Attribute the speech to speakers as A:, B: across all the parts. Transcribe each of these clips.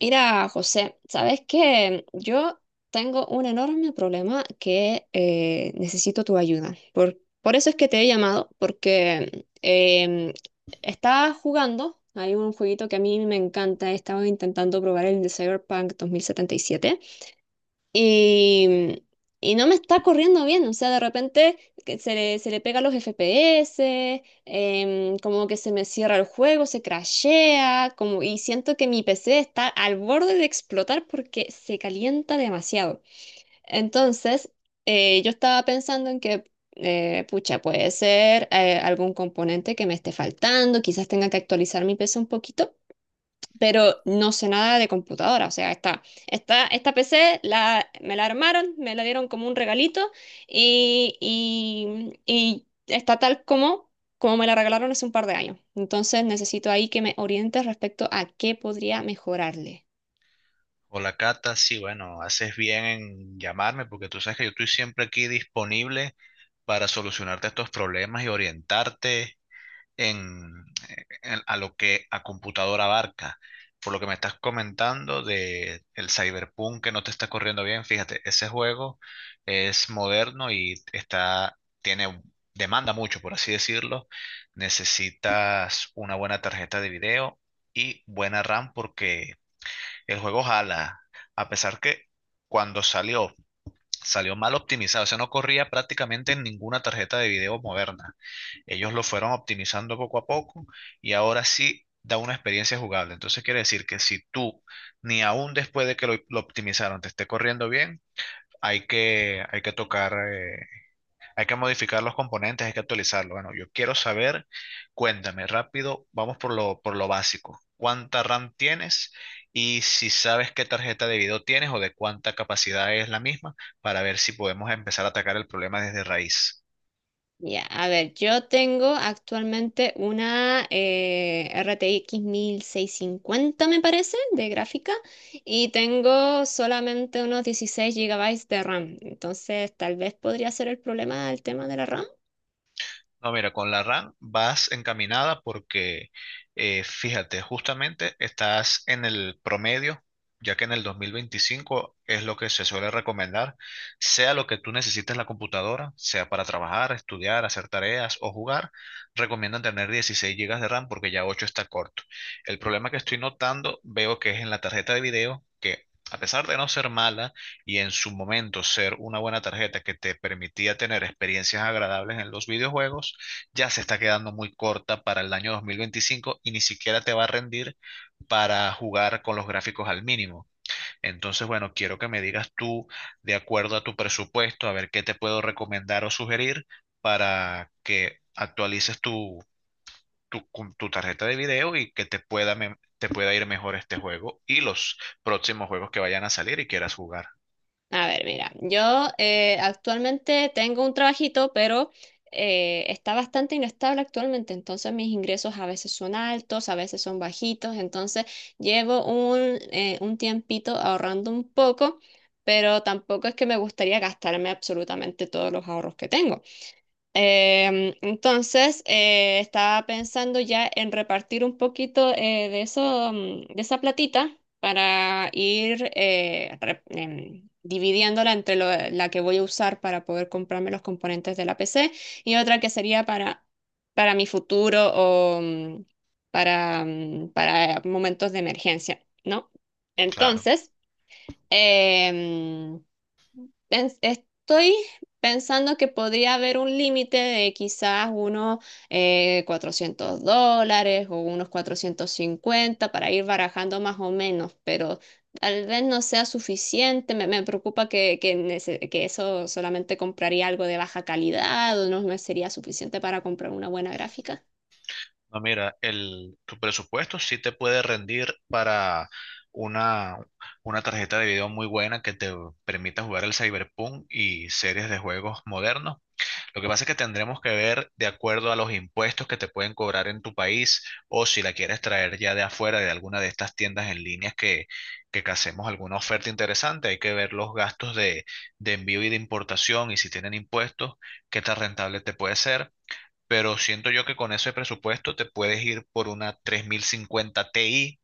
A: Mira, José, ¿sabes qué? Yo tengo un enorme problema que necesito tu ayuda. Por eso es que te he llamado, porque estaba jugando. Hay un jueguito que a mí me encanta. He estado intentando probar el de Cyberpunk 2077. Y, y no me está corriendo bien. O sea, de repente se le pega los FPS, como que se me cierra el juego, se crashea, como, y siento que mi PC está al borde de explotar porque se calienta demasiado. Entonces, yo estaba pensando en que, pucha, puede ser algún componente que me esté faltando. Quizás tenga que actualizar mi PC un poquito, pero no sé nada de computadora. O sea, esta PC me la armaron, me la dieron como un regalito, y está tal como me la regalaron hace un par de años. Entonces necesito ahí que me orientes respecto a qué podría mejorarle.
B: Hola Cata, sí, bueno, haces bien en llamarme porque tú sabes que yo estoy siempre aquí disponible para solucionarte estos problemas y orientarte en, a lo que a computadora abarca. Por lo que me estás comentando de el Cyberpunk que no te está corriendo bien, fíjate, ese juego es moderno demanda mucho, por así decirlo. Necesitas una buena tarjeta de video y buena RAM porque el juego jala, a pesar que cuando salió, salió mal optimizado, o sea, no corría prácticamente en ninguna tarjeta de video moderna. Ellos lo fueron optimizando poco a poco y ahora sí da una experiencia jugable. Entonces quiere decir que si tú, ni aún después de que lo optimizaron, te esté corriendo bien, hay que tocar hay que modificar los componentes, hay que actualizarlo. Bueno, yo quiero saber, cuéntame rápido, vamos por lo básico. ¿Cuánta RAM tienes? Y si sabes qué tarjeta de video tienes o de cuánta capacidad es la misma, para ver si podemos empezar a atacar el problema desde raíz.
A: Ya, a ver, yo tengo actualmente una RTX 1650, me parece, de gráfica, y tengo solamente unos 16 gigabytes de RAM. Entonces, tal vez podría ser el problema el tema de la RAM.
B: No, mira, con la RAM vas encaminada porque, fíjate, justamente estás en el promedio, ya que en el 2025 es lo que se suele recomendar, sea lo que tú necesites la computadora, sea para trabajar, estudiar, hacer tareas o jugar, recomiendan tener 16 gigas de RAM porque ya 8 está corto. El problema que estoy notando, veo que es en la tarjeta de video, que a pesar de no ser mala y en su momento ser una buena tarjeta que te permitía tener experiencias agradables en los videojuegos, ya se está quedando muy corta para el año 2025 y ni siquiera te va a rendir para jugar con los gráficos al mínimo. Entonces, bueno, quiero que me digas tú, de acuerdo a tu presupuesto, a ver qué te puedo recomendar o sugerir para que actualices con tu tarjeta de video y que te pueda, te pueda ir mejor este juego y los próximos juegos que vayan a salir y quieras jugar.
A: A ver, mira, yo actualmente tengo un trabajito, pero está bastante inestable actualmente. Entonces mis ingresos a veces son altos, a veces son bajitos. Entonces llevo un tiempito ahorrando un poco, pero tampoco es que me gustaría gastarme absolutamente todos los ahorros que tengo. Entonces, estaba pensando ya en repartir un poquito de eso, de esa platita para ir dividiéndola entre la que voy a usar para poder comprarme los componentes de la PC, y otra que sería para mi futuro o para momentos de emergencia, ¿no?
B: Claro.
A: Entonces, em, estoy pensando que podría haber un límite de quizás unos $400 o unos 450 para ir barajando más o menos, pero tal vez no sea suficiente. Me preocupa que eso solamente compraría algo de baja calidad o no me sería suficiente para comprar una buena gráfica.
B: No, mira, tu presupuesto sí te puede rendir para una, una tarjeta de video muy buena que te permita jugar el Cyberpunk y series de juegos modernos. Lo que pasa es que tendremos que ver de acuerdo a los impuestos que te pueden cobrar en tu país o si la quieres traer ya de afuera de alguna de estas tiendas en línea que hacemos alguna oferta interesante. Hay que ver los gastos de envío y de importación y si tienen impuestos, qué tan rentable te puede ser, pero siento yo que con ese presupuesto te puedes ir por una 3050 Ti,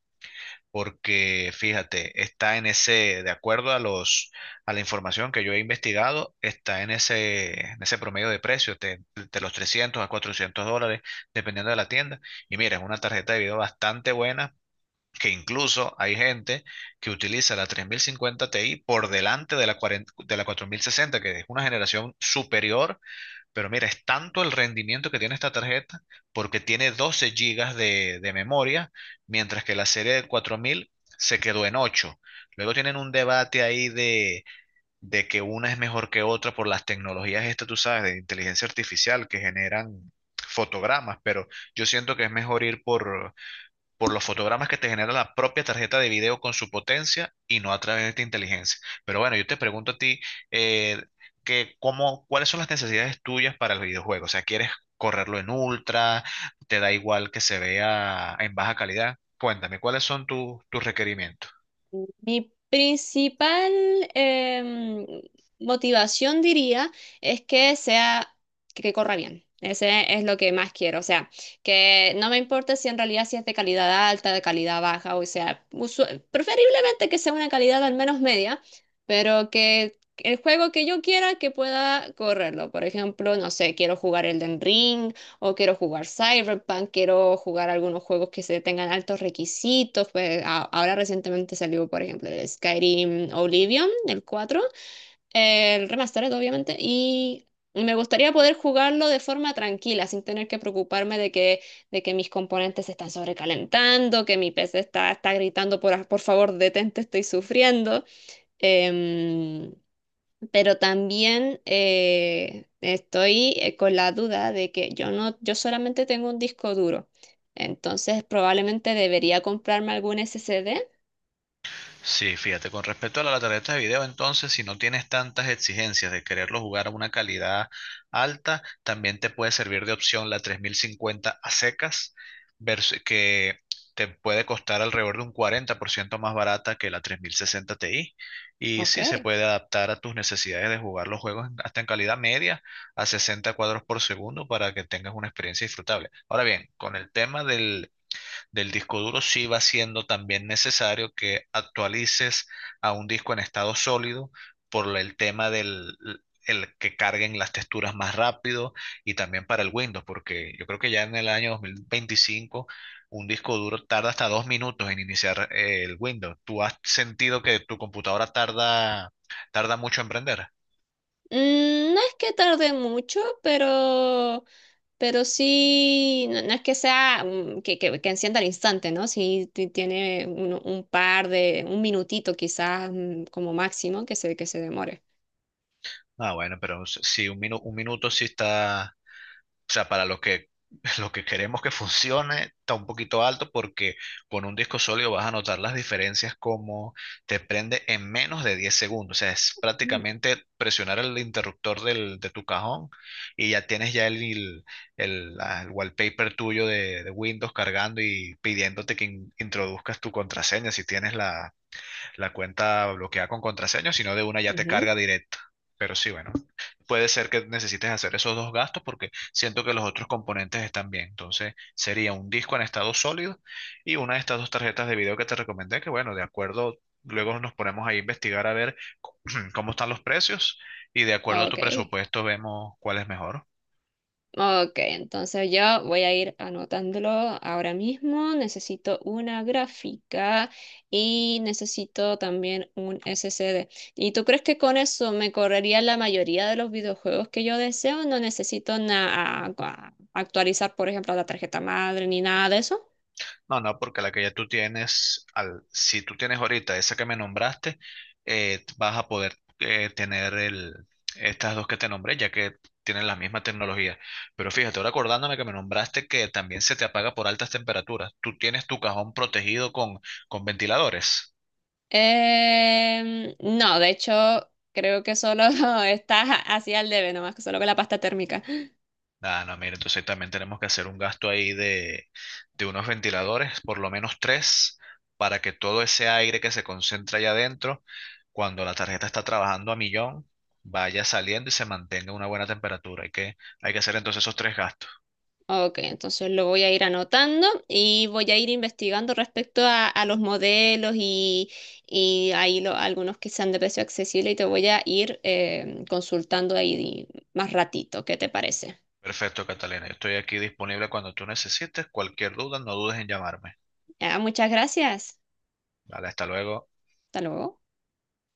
B: porque fíjate, está en ese, de acuerdo a los, a la información que yo he investigado, está en ese promedio de precio, de los 300 a $400, dependiendo de la tienda. Y mira, es una tarjeta de video bastante buena, que incluso hay gente que utiliza la 3050 Ti por delante de la, 40 de la 4060 que es una generación superior, pero mira, es tanto el rendimiento que tiene esta tarjeta porque tiene 12 gigas de memoria, mientras que la serie de 4000 se quedó en 8. Luego tienen un debate ahí de que una es mejor que otra por las tecnologías estas, tú sabes, de inteligencia artificial que generan fotogramas, pero yo siento que es mejor ir por los fotogramas que te genera la propia tarjeta de video con su potencia y no a través de esta inteligencia. Pero bueno, yo te pregunto a ti, eh, que cómo, ¿cuáles son las necesidades tuyas para el videojuego? O sea, ¿quieres correrlo en ultra? ¿Te da igual que se vea en baja calidad? Cuéntame, ¿cuáles son tus requerimientos?
A: Mi principal em, motivación, diría, es que sea, que corra bien. Ese es lo que más quiero. O sea, que no me importe si en realidad, si es de calidad alta, de calidad baja. O sea, preferiblemente que sea una calidad al menos media, pero que el juego que yo quiera que pueda correrlo. Por ejemplo, no sé, quiero jugar Elden Ring o quiero jugar Cyberpunk. Quiero jugar algunos juegos que se tengan altos requisitos. Pues ahora recientemente salió, por ejemplo, el Skyrim Oblivion, el cuatro, el remastered, obviamente, y me gustaría poder jugarlo de forma tranquila, sin tener que preocuparme de que mis componentes se están sobrecalentando, que mi PC está gritando, por favor, detente, estoy sufriendo. Em, pero también estoy con la duda de que yo no, yo solamente tengo un disco duro. Entonces probablemente debería comprarme algún SSD.
B: Sí, fíjate, con respecto a la tarjeta de video, entonces, si no tienes tantas exigencias de quererlo jugar a una calidad alta, también te puede servir de opción la 3050 a secas, que te puede costar alrededor de un 40% más barata que la 3060 Ti. Y
A: Ok.
B: sí, se puede adaptar a tus necesidades de jugar los juegos hasta en calidad media a 60 cuadros por segundo para que tengas una experiencia disfrutable. Ahora bien, con el tema del disco duro, sí va siendo también necesario que actualices a un disco en estado sólido por el tema del el que carguen las texturas más rápido y también para el Windows, porque yo creo que ya en el año 2025 un disco duro tarda hasta 2 minutos en iniciar el Windows. ¿Tú has sentido que tu computadora tarda mucho en prender?
A: Mm, no es que tarde mucho, pero sí. No, no es que sea que encienda al instante, ¿no? Sí, tiene un minutito quizás, como máximo que que se demore.
B: Ah, bueno, pero sí, un minuto sí está, o sea, para lo que, lo que queremos que funcione, está un poquito alto porque con un disco sólido vas a notar las diferencias como te prende en menos de 10 segundos. O sea, es
A: Mm,
B: prácticamente presionar el interruptor de tu cajón y ya tienes ya el wallpaper tuyo de Windows cargando y pidiéndote que introduzcas tu contraseña si tienes la cuenta bloqueada con contraseña, sino de una ya te
A: ujú.
B: carga directa. Pero sí, bueno, puede ser que necesites hacer esos dos gastos porque siento que los otros componentes están bien. Entonces, sería un disco en estado sólido y una de estas dos tarjetas de video que te recomendé, que bueno, de acuerdo, luego nos ponemos ahí a investigar a ver cómo están los precios y de acuerdo a tu
A: Ok.
B: presupuesto vemos cuál es mejor.
A: Ok, entonces yo voy a ir anotándolo ahora mismo. Necesito una gráfica y necesito también un SSD. ¿Y tú crees que con eso me correría la mayoría de los videojuegos que yo deseo? No necesito actualizar, por ejemplo, la tarjeta madre ni nada de eso.
B: No, no, porque la que ya tú tienes, al, si tú tienes ahorita esa que me nombraste, vas a poder tener el, estas dos que te nombré, ya que tienen la misma tecnología. Pero fíjate, ahora acordándome que me nombraste que también se te apaga por altas temperaturas. ¿Tú tienes tu cajón protegido con ventiladores?
A: No, de hecho, creo que solo está así al debe, nomás que solo con la pasta térmica.
B: Ah, no, mira, entonces también tenemos que hacer un gasto ahí de unos ventiladores, por lo menos tres, para que todo ese aire que se concentra allá adentro, cuando la tarjeta está trabajando a millón, vaya saliendo y se mantenga una buena temperatura. Hay que hacer entonces esos tres gastos.
A: Ok, entonces lo voy a ir anotando y voy a ir investigando respecto a los modelos, y ahí algunos que sean de precio accesible, y te voy a ir consultando ahí más ratito. ¿Qué te parece?
B: Perfecto, Catalina. Yo estoy aquí disponible cuando tú necesites. Cualquier duda, no dudes en llamarme.
A: Ah, muchas gracias.
B: Vale, hasta luego.
A: Hasta luego.